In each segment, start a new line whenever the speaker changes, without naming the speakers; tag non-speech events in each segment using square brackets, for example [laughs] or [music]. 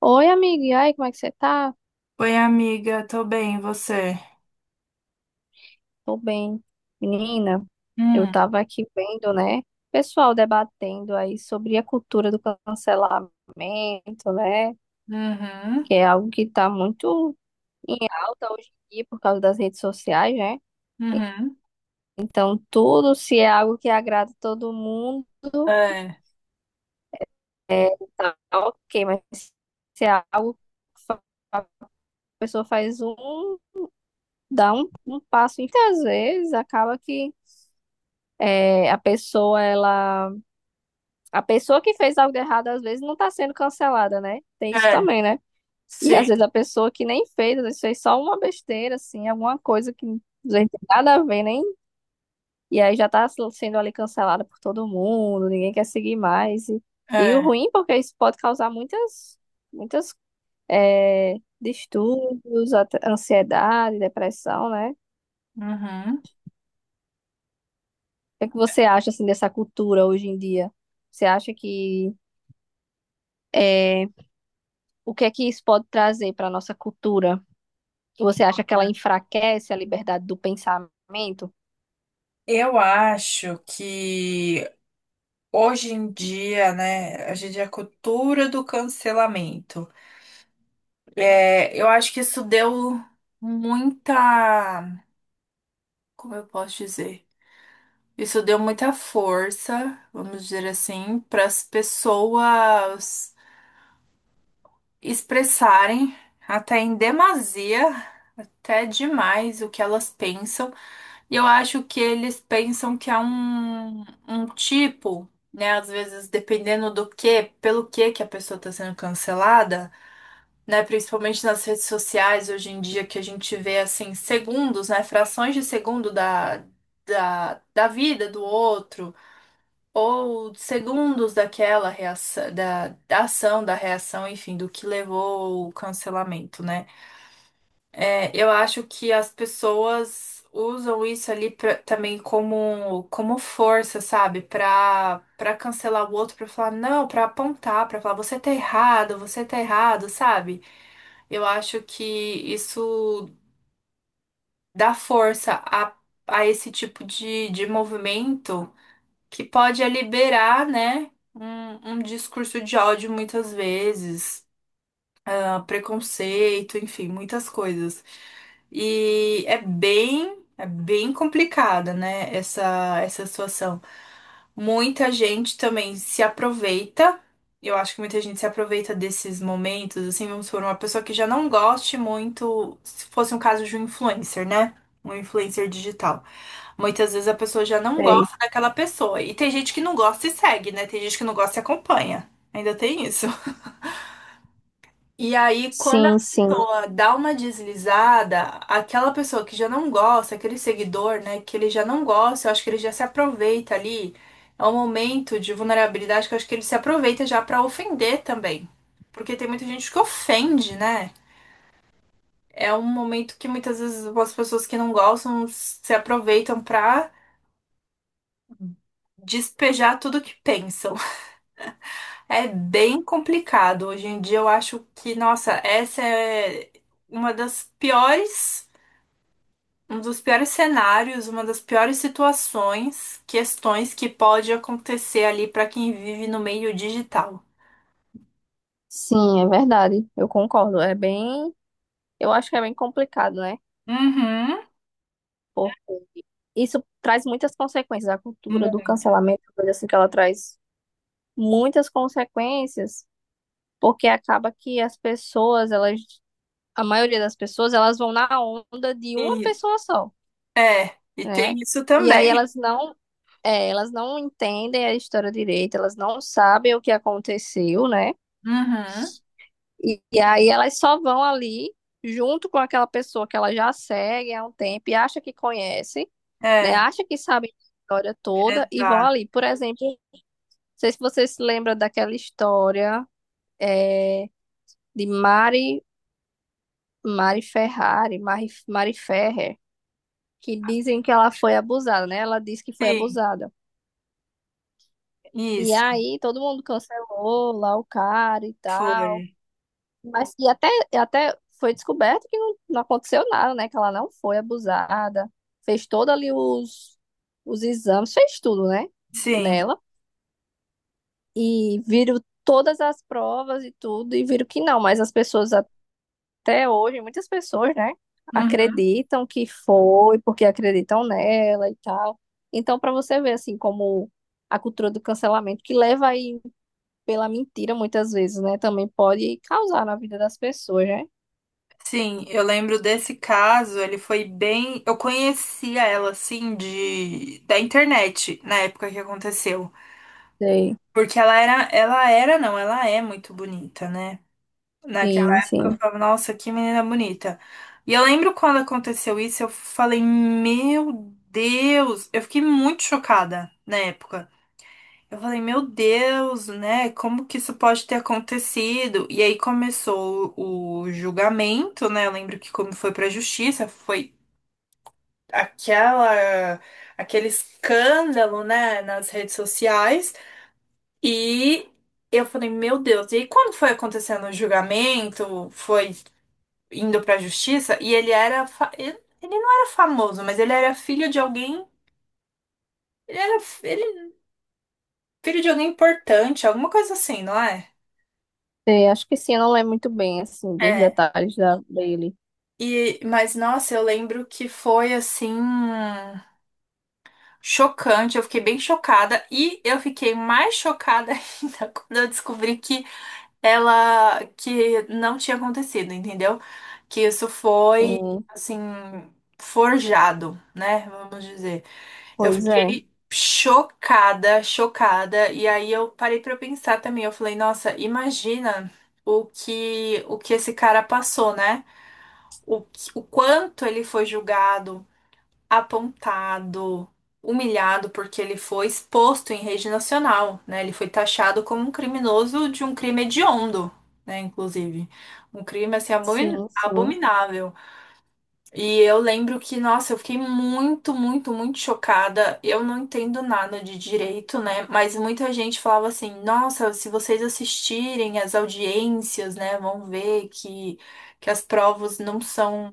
Oi, amiga. E aí, como é que você tá?
Oi, amiga, tô bem, e você?
Tô bem. Menina, eu
Hum,
tava aqui vendo, né? Pessoal debatendo aí sobre a cultura do cancelamento, né?
uhum,
Que é algo que tá muito em alta hoje em dia por causa das redes sociais, né?
uhum,
Então, tudo se é algo que agrada todo mundo,
É,
é, tá ok, mas se é algo que fa- a pessoa faz um, dá um passo, e às vezes acaba que é, a pessoa, ela. A pessoa que fez algo de errado, às vezes, não tá sendo cancelada, né? Tem isso
é,
também, né? E às
sim,
vezes a pessoa que nem fez, às vezes fez só uma besteira, assim, alguma coisa que não tem nada a ver, nem. E aí já tá sendo ali cancelada por todo mundo, ninguém quer seguir mais. E o
é.
ruim, porque isso pode causar muitas, muitas, é, distúrbios, até ansiedade, depressão, né? O
uhum.
que é que você acha, assim, dessa cultura hoje em dia? Você acha que. É, o que é que isso pode trazer para a nossa cultura? Você acha que ela enfraquece a liberdade do pensamento?
Eu acho que hoje em dia, né, a gente é a cultura do cancelamento. É, eu acho que isso deu muita, como eu posso dizer? Isso deu muita força, vamos dizer assim, para as pessoas. Expressarem até em demasia, até demais o que elas pensam. E eu acho que eles pensam que é um tipo, né? Às vezes, dependendo do que, pelo que a pessoa está sendo cancelada, né? Principalmente nas redes sociais hoje em dia, que a gente vê assim, segundos, né? Frações de segundo da vida do outro ou segundos daquela reação, da ação, da reação, enfim, do que levou o cancelamento, né? É, eu acho que as pessoas usam isso ali também como, como força, sabe? Pra cancelar o outro, pra falar não, pra apontar, pra falar você tá errado, sabe? Eu acho que isso dá força a esse tipo de movimento. Que pode é liberar, né, um discurso de ódio muitas vezes, ah, preconceito, enfim, muitas coisas. E é bem complicada, né, essa situação. Muita gente também se aproveita. Eu acho que muita gente se aproveita desses momentos, assim, vamos supor, uma pessoa que já não goste muito, se fosse um caso de um influencer, né? Um influencer digital. Muitas vezes a pessoa já não
Sei.
gosta daquela pessoa. E tem gente que não gosta e segue, né? Tem gente que não gosta e acompanha. Ainda tem isso. E aí, quando a
Sim, sim,
pessoa dá uma deslizada, aquela pessoa que já não gosta, aquele seguidor, né, que ele já não gosta, eu acho que ele já se aproveita ali. É um momento de vulnerabilidade que eu acho que ele se aproveita já pra ofender também. Porque tem muita gente que ofende, né? É um momento que muitas vezes as pessoas que não gostam se aproveitam pra despejar tudo que pensam. [laughs] É bem complicado. Hoje em dia eu acho que, nossa, essa é uma das piores um dos piores cenários, uma das piores situações, questões que pode acontecer ali para quem vive no meio digital.
sim, é verdade. Eu concordo. É bem, eu acho que é bem complicado, né?
Uhum.
Pô, isso traz muitas consequências. A cultura
Mu-
do cancelamento, coisa assim que ela traz muitas consequências, porque acaba que as pessoas, elas, a maioria das pessoas, elas vão na onda de uma
E,
pessoa só,
é, e
né?
tem isso
E aí
também.
elas não É, Elas não entendem a história direito, elas não sabem o que aconteceu, né?
Uhum.
E aí elas só vão ali junto com aquela pessoa que ela já segue há um tempo e acha que conhece, né?
É,
Acha que sabe a história toda e vão
exato.
ali. Por exemplo, não sei se você se lembra daquela história é, de Mari, Mari Ferrari, Mari, Mari Ferrer, que dizem que ela foi abusada, né? Ela disse que foi
Sim,
abusada. E
isso
aí todo mundo cancelou lá o cara e tal.
foi.
Mas e até foi descoberto que não, não aconteceu nada, né? Que ela não foi abusada, fez todo ali os exames, fez tudo, né?
Sim.
Nela. E viram todas as provas e tudo, e viram que não, mas as pessoas até hoje, muitas pessoas, né?
Uhum.
Acreditam que foi, porque acreditam nela e tal. Então, para você ver, assim, como a cultura do cancelamento, que leva aí pela mentira muitas vezes, né? Também pode causar na vida das pessoas, né?
Sim, eu lembro desse caso, ele foi bem. Eu conhecia ela assim de da internet na época que aconteceu.
Sei.
Porque ela era, não, ela é muito bonita, né? Naquela
Sim,
época eu
sim.
falava, nossa, que menina bonita. E eu lembro quando aconteceu isso, eu falei, meu Deus, eu fiquei muito chocada na época. Eu falei, meu Deus, né? Como que isso pode ter acontecido? E aí começou o julgamento, né? Eu lembro que como foi pra justiça, foi aquela aquele escândalo, né, nas redes sociais. E eu falei, meu Deus, e aí quando foi acontecendo o julgamento, foi indo pra justiça e ele não era famoso, mas ele era filho de alguém. Ele era fi- ele- Filho de alguém importante, alguma coisa assim, não é?
É, acho que sim, eu não lembro muito bem, assim, dos
É.
detalhes dele.
E, mas nossa, eu lembro que foi assim chocante, eu fiquei bem chocada e eu fiquei mais chocada [laughs] ainda quando eu descobri que ela que não tinha acontecido, entendeu? Que isso foi
Sim,
assim forjado, né? Vamos dizer. Eu
pois é.
fiquei chocada, chocada. E aí eu parei pra eu pensar também. Eu falei, nossa, imagina o que esse cara passou, né? O quanto ele foi julgado, apontado, humilhado, porque ele foi exposto em rede nacional, né? Ele foi taxado como um criminoso de um crime hediondo, né? Inclusive, um crime assim
Sim, sim.
abominável. E eu lembro que, nossa, eu fiquei muito, muito, muito chocada. Eu não entendo nada de direito, né? Mas muita gente falava assim: nossa, se vocês assistirem as audiências, né, vão ver que as provas não são,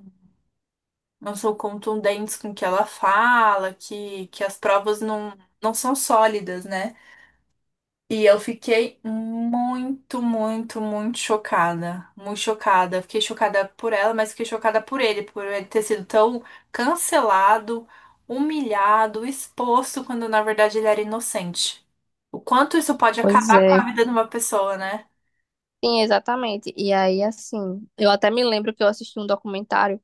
não são contundentes com o que ela fala, que as provas não, não são sólidas, né? E eu fiquei muito, muito, muito chocada. Muito chocada. Fiquei chocada por ela, mas fiquei chocada por ele ter sido tão cancelado, humilhado, exposto, quando na verdade ele era inocente. O quanto isso pode
Pois
acabar com
é.
a vida de uma pessoa, né?
Sim, exatamente. E aí, assim, eu até me lembro que eu assisti um documentário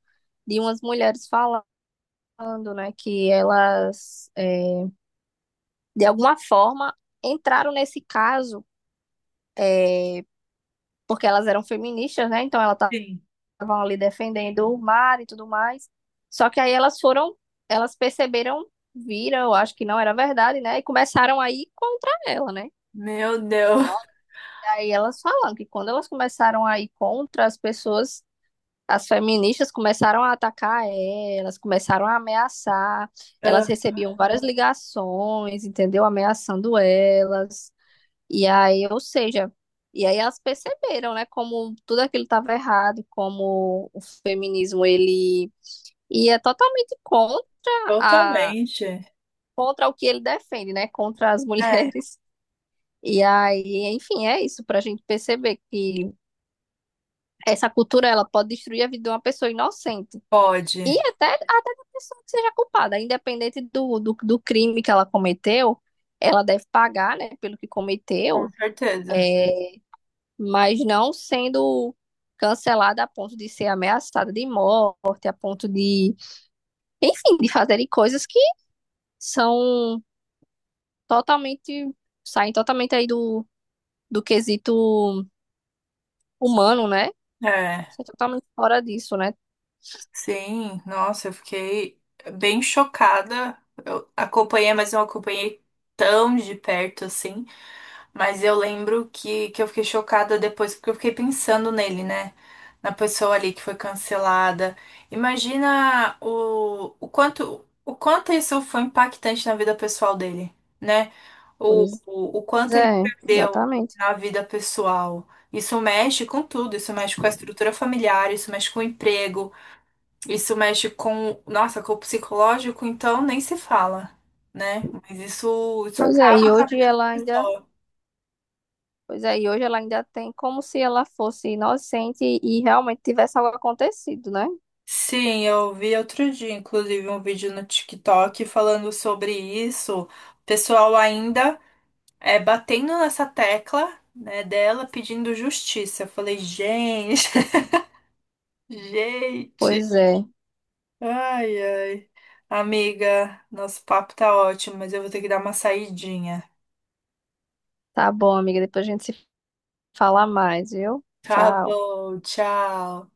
de umas mulheres falando, né, que elas, é, de alguma forma, entraram nesse caso, é, porque elas eram feministas, né? Então, ela tá
Sim,
estavam ali defendendo o mar e tudo mais. Só que aí elas foram, elas perceberam, viram, eu acho que não era verdade, né? E começaram a ir contra ela, né?
meu Deus.
Nossa, aí elas falam que quando elas começaram a ir contra as pessoas, as feministas começaram a atacar elas, começaram a ameaçar. Elas
Ah,
recebiam várias ligações, entendeu? Ameaçando elas. E aí, ou seja, e aí elas perceberam, né, como tudo aquilo estava errado, como o feminismo ele ia totalmente a
totalmente.
contra o que ele defende, né, contra as [laughs]
É,
mulheres. E aí, enfim, é isso para a gente perceber que essa cultura ela pode destruir a vida de uma pessoa inocente. E
pode.
até, até da pessoa que seja culpada, independente do crime que ela cometeu, ela deve pagar, né, pelo que
Com
cometeu.
certeza.
É, mas não sendo cancelada a ponto de ser ameaçada de morte, a ponto de, enfim, de fazerem coisas que são totalmente, saem totalmente aí do, do quesito humano, né?
É.
Isso é totalmente fora disso, né?
Sim, nossa, eu fiquei bem chocada. Eu acompanhei, mas não acompanhei tão de perto assim. Mas eu lembro que eu fiquei chocada depois, porque eu fiquei pensando nele, né? Na pessoa ali que foi cancelada. Imagina o quanto isso foi impactante na vida pessoal dele, né?
Pois
O quanto ele
é,
perdeu
exatamente.
na vida pessoal. Isso mexe com tudo, isso mexe com a estrutura familiar, isso mexe com o emprego. Isso mexe com, nossa, com o psicológico, então nem se fala, né? Mas isso
Pois é, e
acaba com a
hoje
vida da
ela ainda,
pessoa.
pois é, e hoje ela ainda tem como se ela fosse inocente e realmente tivesse algo acontecido, né?
Sim, eu vi outro dia, inclusive, um vídeo no TikTok falando sobre isso. O pessoal ainda é batendo nessa tecla, né, dela pedindo justiça. Eu falei, gente, [laughs] gente.
Pois é.
Ai, ai. Amiga, nosso papo tá ótimo, mas eu vou ter que dar uma saidinha.
Tá bom, amiga, depois a gente se fala mais, viu?
Tá
Tchau.
bom, tchau.